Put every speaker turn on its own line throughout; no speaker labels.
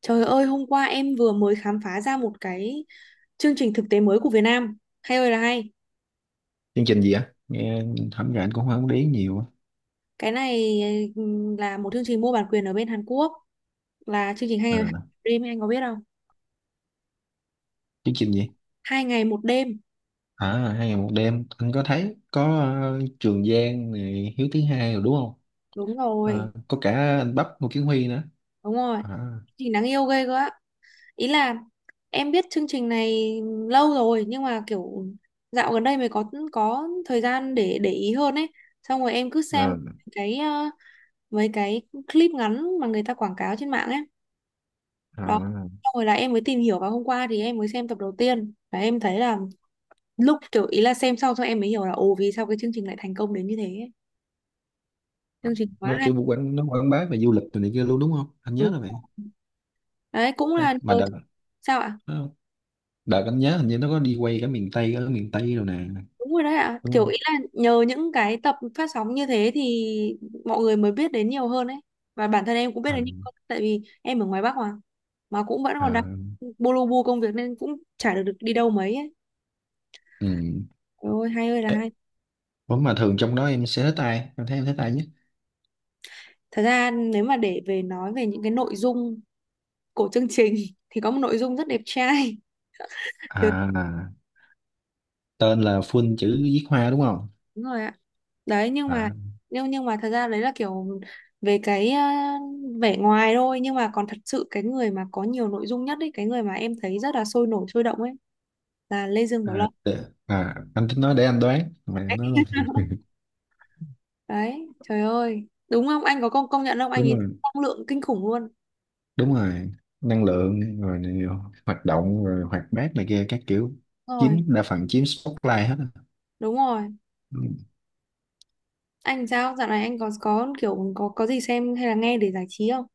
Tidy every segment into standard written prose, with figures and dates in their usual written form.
Trời ơi, hôm qua em vừa mới khám phá ra một cái chương trình thực tế mới của Việt Nam. Hay ơi là hay.
Chương trình gì á? Nghe thẩm ra anh cũng không để ý nhiều á.
Cái này là một chương trình mua bản quyền ở bên Hàn Quốc. Là chương trình hai ngày một
À,
đêm, anh có biết không?
chương trình gì?
Hai ngày một đêm.
À, hai ngày một đêm anh có thấy có Trường Giang này Hiếu thứ hai rồi đúng không?
Đúng rồi,
À, có cả anh Bắp Ngô Kiến Huy nữa.
đúng rồi.
À.
Chương trình đáng yêu ghê cơ á. Ý là em biết chương trình này lâu rồi nhưng mà kiểu dạo gần đây mới có thời gian để ý hơn ấy. Xong rồi em cứ
À.
xem cái mấy cái clip ngắn mà người ta quảng cáo trên mạng ấy đó,
À.
xong rồi là em mới tìm hiểu và hôm qua thì em mới xem tập đầu tiên và em thấy là lúc kiểu ý là xem xong xong em mới hiểu là ồ vì sao cái chương trình lại thành công đến như thế ấy. Chương trình quá
Nó
hay.
kiểu quảng bá về du lịch rồi này kia luôn, đúng không? Anh nhớ
Đúng.
là vậy.
Ừ. Đấy cũng
Đây,
là
mà
nhờ
đợt
sao ạ?
nó- đợt anh nhớ hình như nó có đi quay cả miền Tây ở miền Tây rồi nè,
Đúng rồi đấy ạ,
đúng
kiểu
không?
ý là nhờ những cái tập phát sóng như thế thì mọi người mới biết đến nhiều hơn ấy, và bản thân em cũng biết
À.
đến nhiều hơn tại vì em ở ngoài Bắc mà cũng vẫn còn đang
À.
bô lô bô công việc nên cũng chả được, được đi đâu mấy ấy.
Ừ.
Trời ơi hay ơi là
Ê,
hay.
ủa mà thường trong đó em sẽ thích ai em thấy em thích ai nhất?
Thật ra nếu mà để về nói về những cái nội dung của chương trình thì có một nội dung rất đẹp trai. Dạ,
À, tên là full chữ viết hoa đúng không?
đúng rồi ạ. Đấy nhưng mà
À.
nhưng mà thật ra đấy là kiểu về cái vẻ ngoài thôi nhưng mà còn thật sự cái người mà có nhiều nội dung nhất ấy, cái người mà em thấy rất là sôi nổi sôi động ấy là Lê Dương Bảo
À.
Long.
Để, anh tính nói để anh đoán mà em
Đấy,
nói luôn.
đấy, trời ơi đúng không anh có công công nhận không, anh
Đúng
ấy
rồi.
năng lượng kinh khủng luôn.
Đúng rồi. Năng lượng rồi này, hoạt động rồi hoạt bát này kia các kiểu,
Đúng
chiếm
rồi,
đa phần, chiếm spotlight hết á.
đúng rồi.
Ừ.
Anh sao dạo này anh có kiểu có gì xem hay là nghe để giải trí không?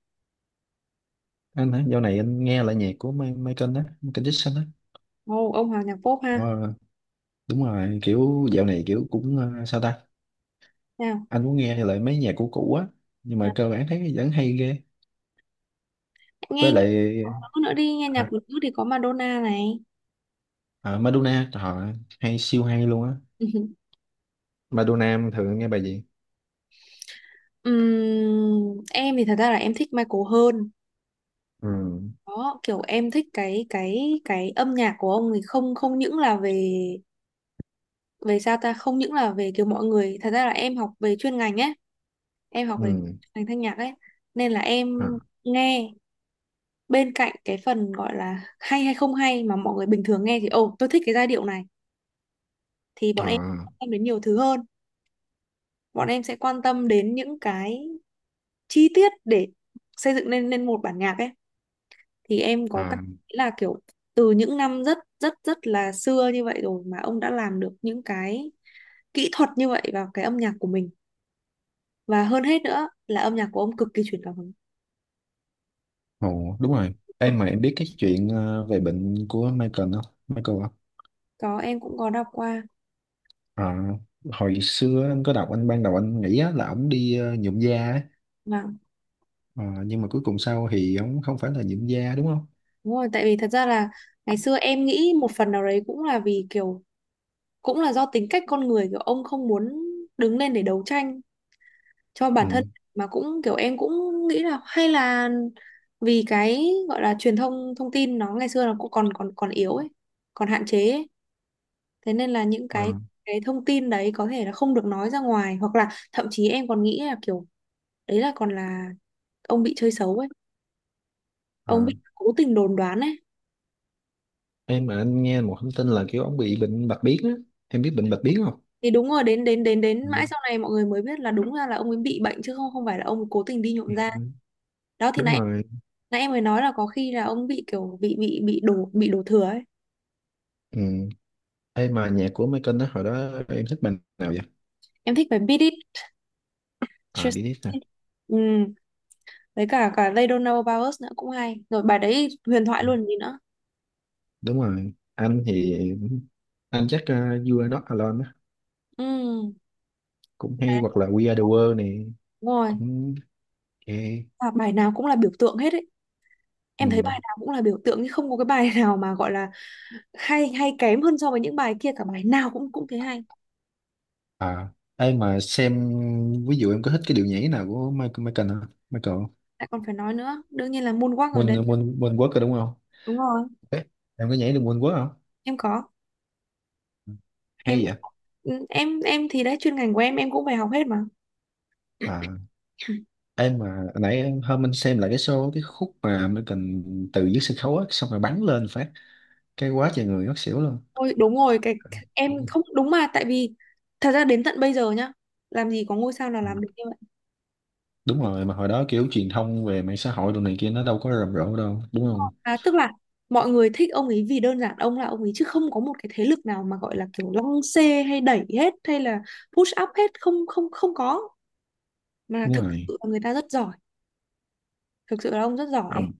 Anh hả? Dạo này anh nghe lại nhạc của Michael á, Michael Jackson á.
Ồ ông Hoàng nhạc pop ha.
Ờ, đúng rồi, kiểu dạo này kiểu cũng sao ta.
Nào.
Anh muốn nghe lại mấy nhạc của cũ á, nhưng mà cơ bản thấy vẫn hay ghê.
nghe
Với
nghe
lại.
nhạc nữ nữa đi, nghe nhạc
Hả?
của nữ thì có Madonna này.
À, Madonna họ hay, siêu hay luôn á. Ba đô nam thường nghe bài gì?
Em thì thật ra là em thích Michael hơn.
Ừ.
Đó kiểu em thích cái âm nhạc của ông, thì không, không những là về về sao ta, không những là về kiểu mọi người, thật ra là em học về chuyên ngành ấy, em học về
Ừ.
ngành thanh nhạc ấy nên là em
À.
nghe, bên cạnh cái phần gọi là hay hay không hay mà mọi người bình thường nghe thì ồ tôi thích cái giai điệu này, thì bọn em
À.
quan tâm đến nhiều thứ hơn, bọn em sẽ quan tâm đến những cái chi tiết để xây dựng nên nên một bản nhạc ấy. Thì em có cảm
À.
thấy là kiểu từ những năm rất rất rất là xưa như vậy rồi mà ông đã làm được những cái kỹ thuật như vậy vào cái âm nhạc của mình, và hơn hết nữa là âm nhạc của ông cực kỳ truyền cảm hứng.
Ồ, đúng rồi,
Cực.
em mà em biết cái chuyện về bệnh của Michael không? Michael không?
Có, em cũng có đọc qua.
À, hồi xưa anh có đọc, anh ban đầu anh nghĩ á, là ổng đi nhuộm da á.
Và
Ờ, nhưng mà cuối cùng sau thì ổng không phải là nhuộm da, đúng không?
đúng rồi tại vì thật ra là ngày xưa em nghĩ một phần nào đấy cũng là vì kiểu cũng là do tính cách con người, kiểu ông không muốn đứng lên để đấu tranh cho
Ừ.
bản thân. Mà cũng kiểu em cũng nghĩ là hay là vì cái gọi là truyền thông thông tin nó ngày xưa nó cũng còn còn còn yếu ấy, còn hạn chế ấy. Thế nên là những
À.
cái thông tin đấy có thể là không được nói ra ngoài hoặc là thậm chí em còn nghĩ là kiểu đấy là còn là ông bị chơi xấu ấy, ông
À.
bị cố tình đồn đoán ấy.
Em mà anh nghe một thông tin là kiểu ông bị bệnh bạch biến á, em biết bệnh bạch biến không?
Thì đúng rồi, đến đến đến đến
Ừ.
mãi sau này mọi người mới biết là đúng ra là ông ấy bị bệnh chứ không, không phải là ông ấy cố tình đi nhuộm da.
Ừ.
Đó thì
Đúng
nãy
rồi.
nãy em mới nói là có khi là ông bị kiểu bị bị đổ, bị đổ thừa ấy.
Ừ. Em mà nhạc của Michael đó hồi đó em thích bài nào vậy?
Em thích bài Beat It,
À,
Just
Beat It nè.
It. Ừ. Với cả cả They Don't Know About Us nữa cũng hay, rồi bài đấy huyền thoại luôn, gì nữa.
Đúng rồi, anh thì anh chắc You Are Not Alone á.
Ừ.
Cũng hay,
Đấy,
hoặc là We Are The World này.
đúng rồi.
Cũng ok.
Và bài nào cũng là biểu tượng hết ấy, em thấy
Ừ.
bài nào cũng là biểu tượng chứ không có cái bài nào mà gọi là hay hay kém hơn so với những bài kia cả, bài nào cũng cũng thế hay.
À, ai mà xem. Ví dụ em có thích cái điệu nhảy nào của Michael Michael hả? Michael,
Lại còn phải nói nữa, đương nhiên là moonwalk ở
Moon
đấy.
Moon Moonwalk rồi đúng không?
Đúng rồi,
Ê, em có nhảy được Moonwalk không?
em có.
Ừ.
Em
Hay vậy.
ừ, em thì đấy chuyên ngành của em cũng phải học hết mà.
À, hôm anh xem lại cái show cái khúc mà Michael từ dưới sân khấu á xong rồi bắn lên phát cái, quá trời người ngất xỉu luôn.
Ôi, đúng rồi cái em không đúng mà tại vì thật ra đến tận bây giờ nhá, làm gì có ngôi sao nào
Ừ.
làm được như vậy.
Đúng rồi mà hồi đó kiểu truyền thông về mạng xã hội đồ này kia nó đâu có rầm rộ đâu, đúng
Đúng
không?
rồi. À, tức là mọi người thích ông ấy vì đơn giản ông là ông ấy chứ không có một cái thế lực nào mà gọi là kiểu lăng xê hay đẩy hết hay là push up hết, không không không có. Mà
Đúng
thực
rồi.
sự là người ta rất giỏi, thực sự là ông rất giỏi ấy.
Ông.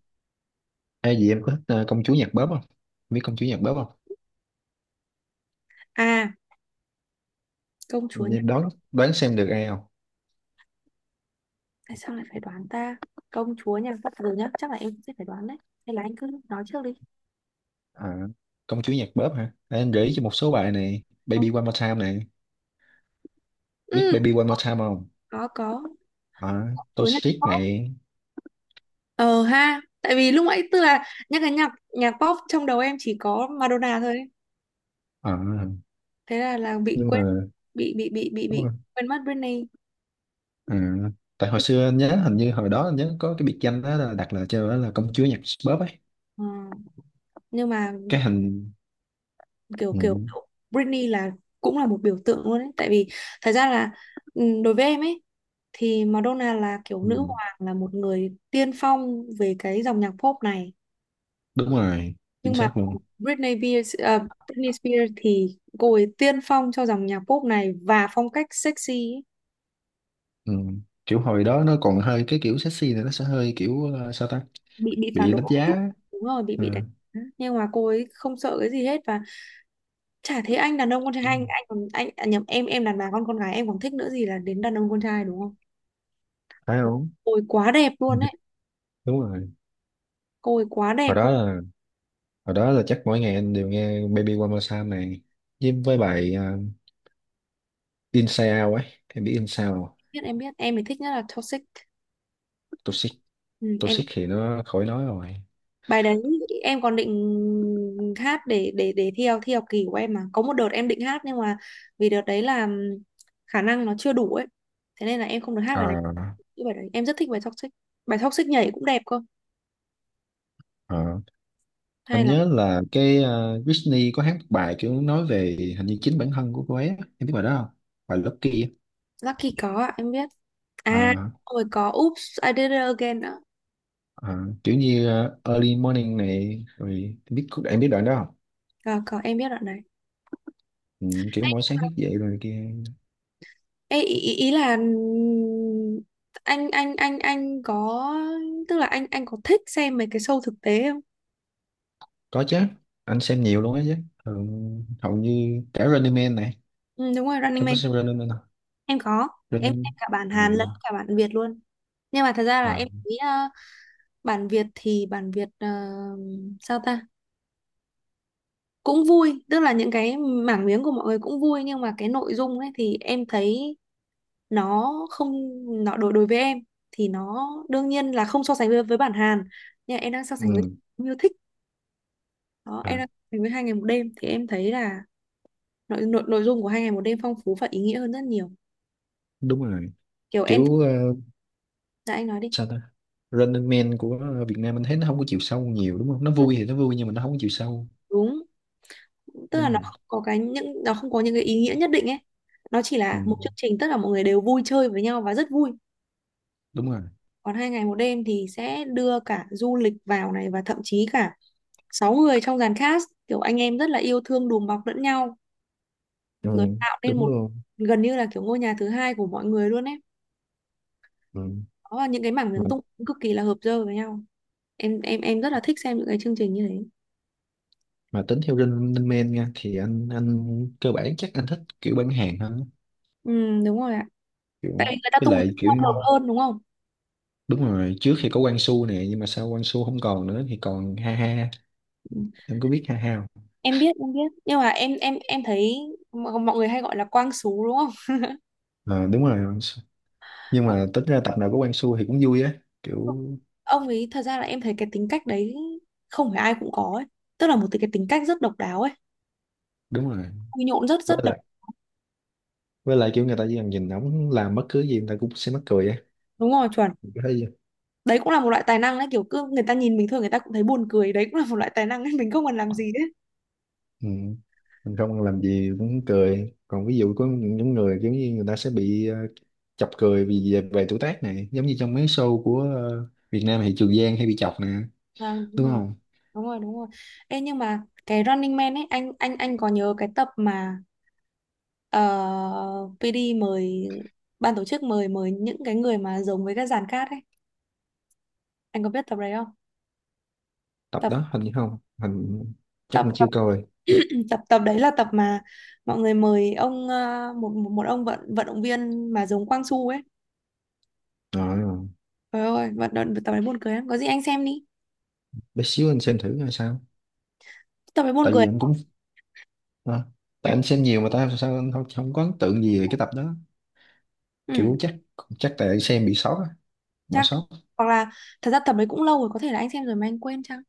Ai gì em có thích công chúa nhạc bóp không? Em biết công chúa nhạc bóp không?
À, công chúa.
Em đoán đoán xem được ai không?
Tại sao lại phải đoán ta? Công chúa nha, bắt đầu nhá, chắc là em cũng sẽ phải đoán đấy, hay là anh cứ nói trước đi.
À, công chúa nhạc bóp hả? Để anh gợi ý cho một số bài này:
Ờ,
Baby One More Time này. Biết
ừ.
Baby One More Time không?
Có có.
À,
Công chúa nhạc
Toxic
pop,
này.
ờ ha, tại vì lúc nãy tức là nhắc cái nhạc nhạc pop trong đầu em chỉ có Madonna thôi,
À,
thế là bị
nhưng
quên,
mà
bị bị bị bị
đúng
bị
rồi.
quên mất Britney.
À, tại hồi xưa anh nhớ hình như hồi đó anh nhớ có cái biệt danh đó là đặt là cho, đó là công chúa nhạc bóp ấy.
Ờ, nhưng mà
Cái hình.
kiểu kiểu
Ừ.
Britney là cũng là một biểu tượng luôn ấy, tại vì thật ra là ừ, đối với em ấy thì Madonna là kiểu nữ
Ừ.
hoàng, là một người tiên phong về cái dòng nhạc pop này,
Đúng rồi, chính
nhưng mà
xác luôn.
Britney Spears, à, Britney Spears thì cô ấy tiên phong cho dòng nhạc pop này và phong cách sexy ấy.
Ừ. Kiểu hồi đó nó còn hơi cái kiểu sexy này, nó sẽ hơi kiểu sao ta,
Bị phản
bị
đối
đánh
một
giá
chút.
á.
Đúng rồi, bị
Ừ.
bị đánh giá. Nhưng mà cô ấy không sợ cái gì hết, và chả thấy anh đàn ông con trai,
Đúng
anh
rồi.
anh còn anh à, nhầm, em đàn bà con gái em còn thích nữa gì là đến đàn ông con trai đúng không,
Phải không?
cô ấy quá đẹp luôn ấy,
Đúng rồi.
cô ấy quá đẹp
hồi đó
luôn.
là hồi đó là chắc mỗi ngày anh đều nghe Baby One More Time này, với bài Inside Out ấy, em biết Inside Out không?
Biết, em biết, em thì thích nhất là Toxic.
Toxic.
Ừ, em,
Toxic thì nó khỏi nói rồi.
bài đấy em còn định hát để thi học, thi học kỳ của em mà, có một đợt em định hát nhưng mà vì đợt đấy là khả năng nó chưa đủ ấy, thế nên là em không được hát
Ờ.
bài này. Cái bài đấy em rất thích, bài Toxic, bài Toxic nhảy cũng đẹp cơ.
Ờ.
Hay
Anh
là
nhớ là cái Britney có hát một bài kiểu nói về hình như chính bản thân của cô ấy á. Em biết bài đó không? Bài Lucky á.
Lucky? Có ạ, em biết. À,
Ờ.
rồi có Oops I Did It Again nữa.
Ờ, kiểu như early morning này rồi, biết em biết đoạn đó không?
Có em biết đoạn này.
Ừ, kiểu mỗi sáng thức dậy rồi kia.
Ê, ý, ý là anh có tức là anh có thích xem mấy cái show thực tế không?
Có chứ, anh xem nhiều luôn á chứ. Ừ, hầu như cả Running Man này.
Ừ, đúng rồi Running
Em có
Man.
xem Running Man không?
Em có, em xem
Running
cả bản Hàn lẫn
Man.
cả bản Việt luôn. Nhưng mà thật ra là
À.
em thấy bản Việt thì bản Việt sao ta, cũng vui tức là những cái mảng miếng của mọi người cũng vui nhưng mà cái nội dung ấy thì em thấy nó không, nó đối đối với em thì nó đương nhiên là không so sánh với bản Hàn, nhưng mà em đang so sánh với
Ừ.
yêu thích, đó em
À,
đang so sánh với hai ngày một đêm, thì em thấy là nội nội nội dung của hai ngày một đêm phong phú và ý nghĩa hơn rất nhiều.
đúng rồi,
Kiểu em,
kiểu
dạ anh nói đi.
sao ta. Running Man của Việt Nam anh thấy nó không có chiều sâu nhiều, đúng không? Nó vui thì nó vui, nhưng mà nó không có chiều sâu.
Đúng, tức là
Đúng
nó
rồi.
không có cái những, nó không có những cái ý nghĩa nhất định ấy, nó chỉ
Ừ,
là một chương trình tất cả mọi người đều vui chơi với nhau và rất vui.
đúng rồi.
Còn hai ngày một đêm thì sẽ đưa cả du lịch vào này và thậm chí cả sáu người trong dàn cast kiểu anh em rất là yêu thương đùm bọc lẫn nhau,
Ừ,
rồi tạo nên
đúng
một
luôn.
gần như là kiểu ngôi nhà thứ hai của mọi người luôn ấy. Đó là những cái mảng miếng tung
Ừ.
cực kỳ là hợp dơ với nhau. Em rất là thích xem những cái chương trình như thế.
Mà tính theo Linh Linh Men nha thì anh cơ bản chắc anh thích kiểu bán hàng hơn.
Ừ, đúng rồi ạ, tại
Kiểu.
vì người ta
Với
tung hợp
lại kiểu.
hơn đúng không.
Đúng rồi, trước thì có Quang Su nè, nhưng mà sau Quang Su không còn nữa thì còn Ha Ha. Em có biết Ha Ha không?
Em biết, em biết nhưng mà em thấy mọi mọi người hay gọi là quang sú đúng không.
Ờ, đúng rồi, Quang Su. Nhưng mà tính ra tập nào có Quang Su thì cũng vui á. Kiểu.
Ông ấy thật ra là em thấy cái tính cách đấy không phải ai cũng có ấy, tức là một cái tính cách rất độc đáo ấy,
Đúng rồi.
vui nhộn rất
với
rất độc.
lại với lại kiểu người ta chỉ cần nhìn ổng làm bất cứ gì, người ta cũng sẽ mắc cười á.
Đúng rồi chuẩn.
Thấy.
Đấy cũng là một loại tài năng đấy, kiểu cứ người ta nhìn bình thường người ta cũng thấy buồn cười, đấy cũng là một loại tài năng ấy mình không cần làm gì đấy.
Ừ. Mình không làm gì cũng cười. Còn ví dụ có những người giống như người ta sẽ bị chọc cười vì về tuổi tác này, giống như trong mấy show của Việt Nam thì Trường Giang hay bị chọc nè,
À, đúng
đúng
rồi,
không?
đúng rồi. Đúng rồi Ê, nhưng mà cái Running Man ấy anh có nhớ cái tập mà ờ, PD mời ban tổ chức mời mời những cái người mà giống với các dàn cát ấy, anh có biết tập đấy không?
Tập
Tập
đó hình như không, chắc
tập
anh
tập
chưa coi.
tập tập đấy là tập mà mọi người mời ông một một ông vận vận động viên mà giống Quang Su ấy.
Ờ,
Trời ơi, vận động tập đấy buồn cười lắm. Có gì anh xem đi.
bé xíu anh xem thử coi sao.
Tập đấy buồn
Tại
cười.
vì anh cũng ờ, tại anh xem nhiều mà, tại sao anh không có ấn tượng gì về cái tập đó.
Ừ,
Kiểu chắc chắc tại xem bị sót á, bỏ
chắc,
sót.
hoặc là thật ra tập đấy cũng lâu rồi, có thể là anh xem rồi mà anh quên chăng?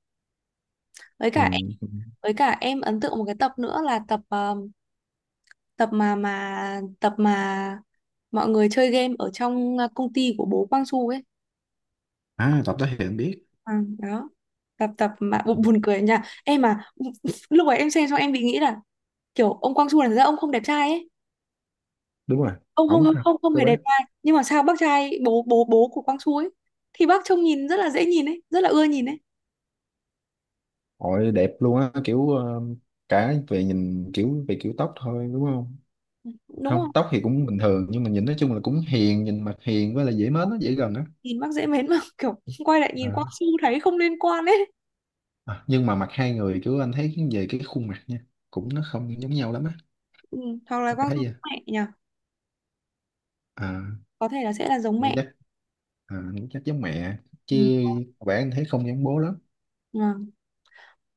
Với cả
Ừ.
em với cả em ấn tượng một cái tập nữa là tập tập mà mọi người chơi game ở trong công ty của bố Quang Su ấy.
À, tập đó thì anh biết.
À, đó tập tập mà buồn cười nha em mà lúc ấy em xem xong em bị nghĩ là kiểu ông Quang Su là thật ra ông không đẹp trai ấy,
Đúng rồi,
ông không
ổng
không
ha.
không không hề đẹp trai nhưng mà sao bác trai bố bố bố của Quang Su ấy thì bác trông nhìn rất là dễ nhìn ấy, rất là ưa nhìn ấy,
Ôi, đẹp luôn á, kiểu cả về nhìn, kiểu về kiểu tóc thôi, đúng không?
đúng
Không,
không,
tóc thì cũng bình thường, nhưng mà nhìn nói chung là cũng hiền, nhìn mặt hiền với là dễ mến, nó dễ gần á.
nhìn bác dễ mến mà kiểu quay lại nhìn Quang
À.
Su thấy không liên quan ấy.
À, nhưng mà mặt 2 người kiểu anh thấy về cái khuôn mặt nha, cũng nó không giống nhau lắm á.
Ừ. Hoặc là
Anh
Quang
thấy
Su
vậy?
giống mẹ nhỉ,
À.
có thể là sẽ là giống
Nghĩ
mẹ.
chắc. À, nghĩ chắc giống mẹ chứ, bạn anh thấy không giống bố lắm.
Ừ.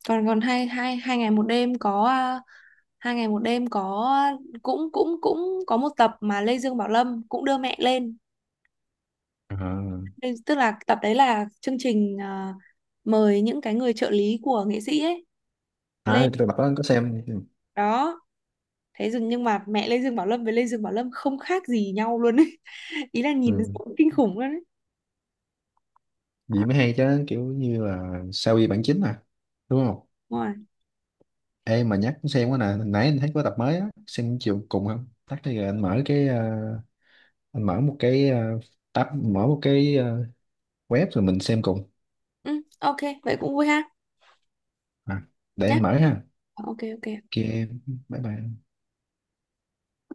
còn còn hai hai hai ngày một đêm có à, hai ngày một đêm có cũng cũng cũng có một tập mà Lê Dương Bảo Lâm cũng đưa mẹ lên.
À.
Đây- tức là tập đấy là chương trình à, mời những cái người trợ lý của nghệ sĩ ấy
À, cái
lên
tập đó anh có xem. Ừ.
đó. Thế dừng nhưng mà mẹ Lê Dương Bảo Lâm với Lê Dương Bảo Lâm không khác gì nhau luôn ấy ý là nhìn
Ừ,
kinh khủng luôn ấy.
vậy mới hay chứ, kiểu như là sao y bản chính à, đúng không?
Đúng rồi.
Ê mà nhắc xem quá nè, hồi nãy anh thấy có tập mới á, xem chiều cùng không? Tắt đi rồi anh mở cái anh mở một cái tab, mở một cái web rồi mình xem cùng.
Ừ, ok vậy cũng vui ha.
À, để
Nhá.
anh mở ha.
Ờ, ok
Ok,
ok.
bye bye.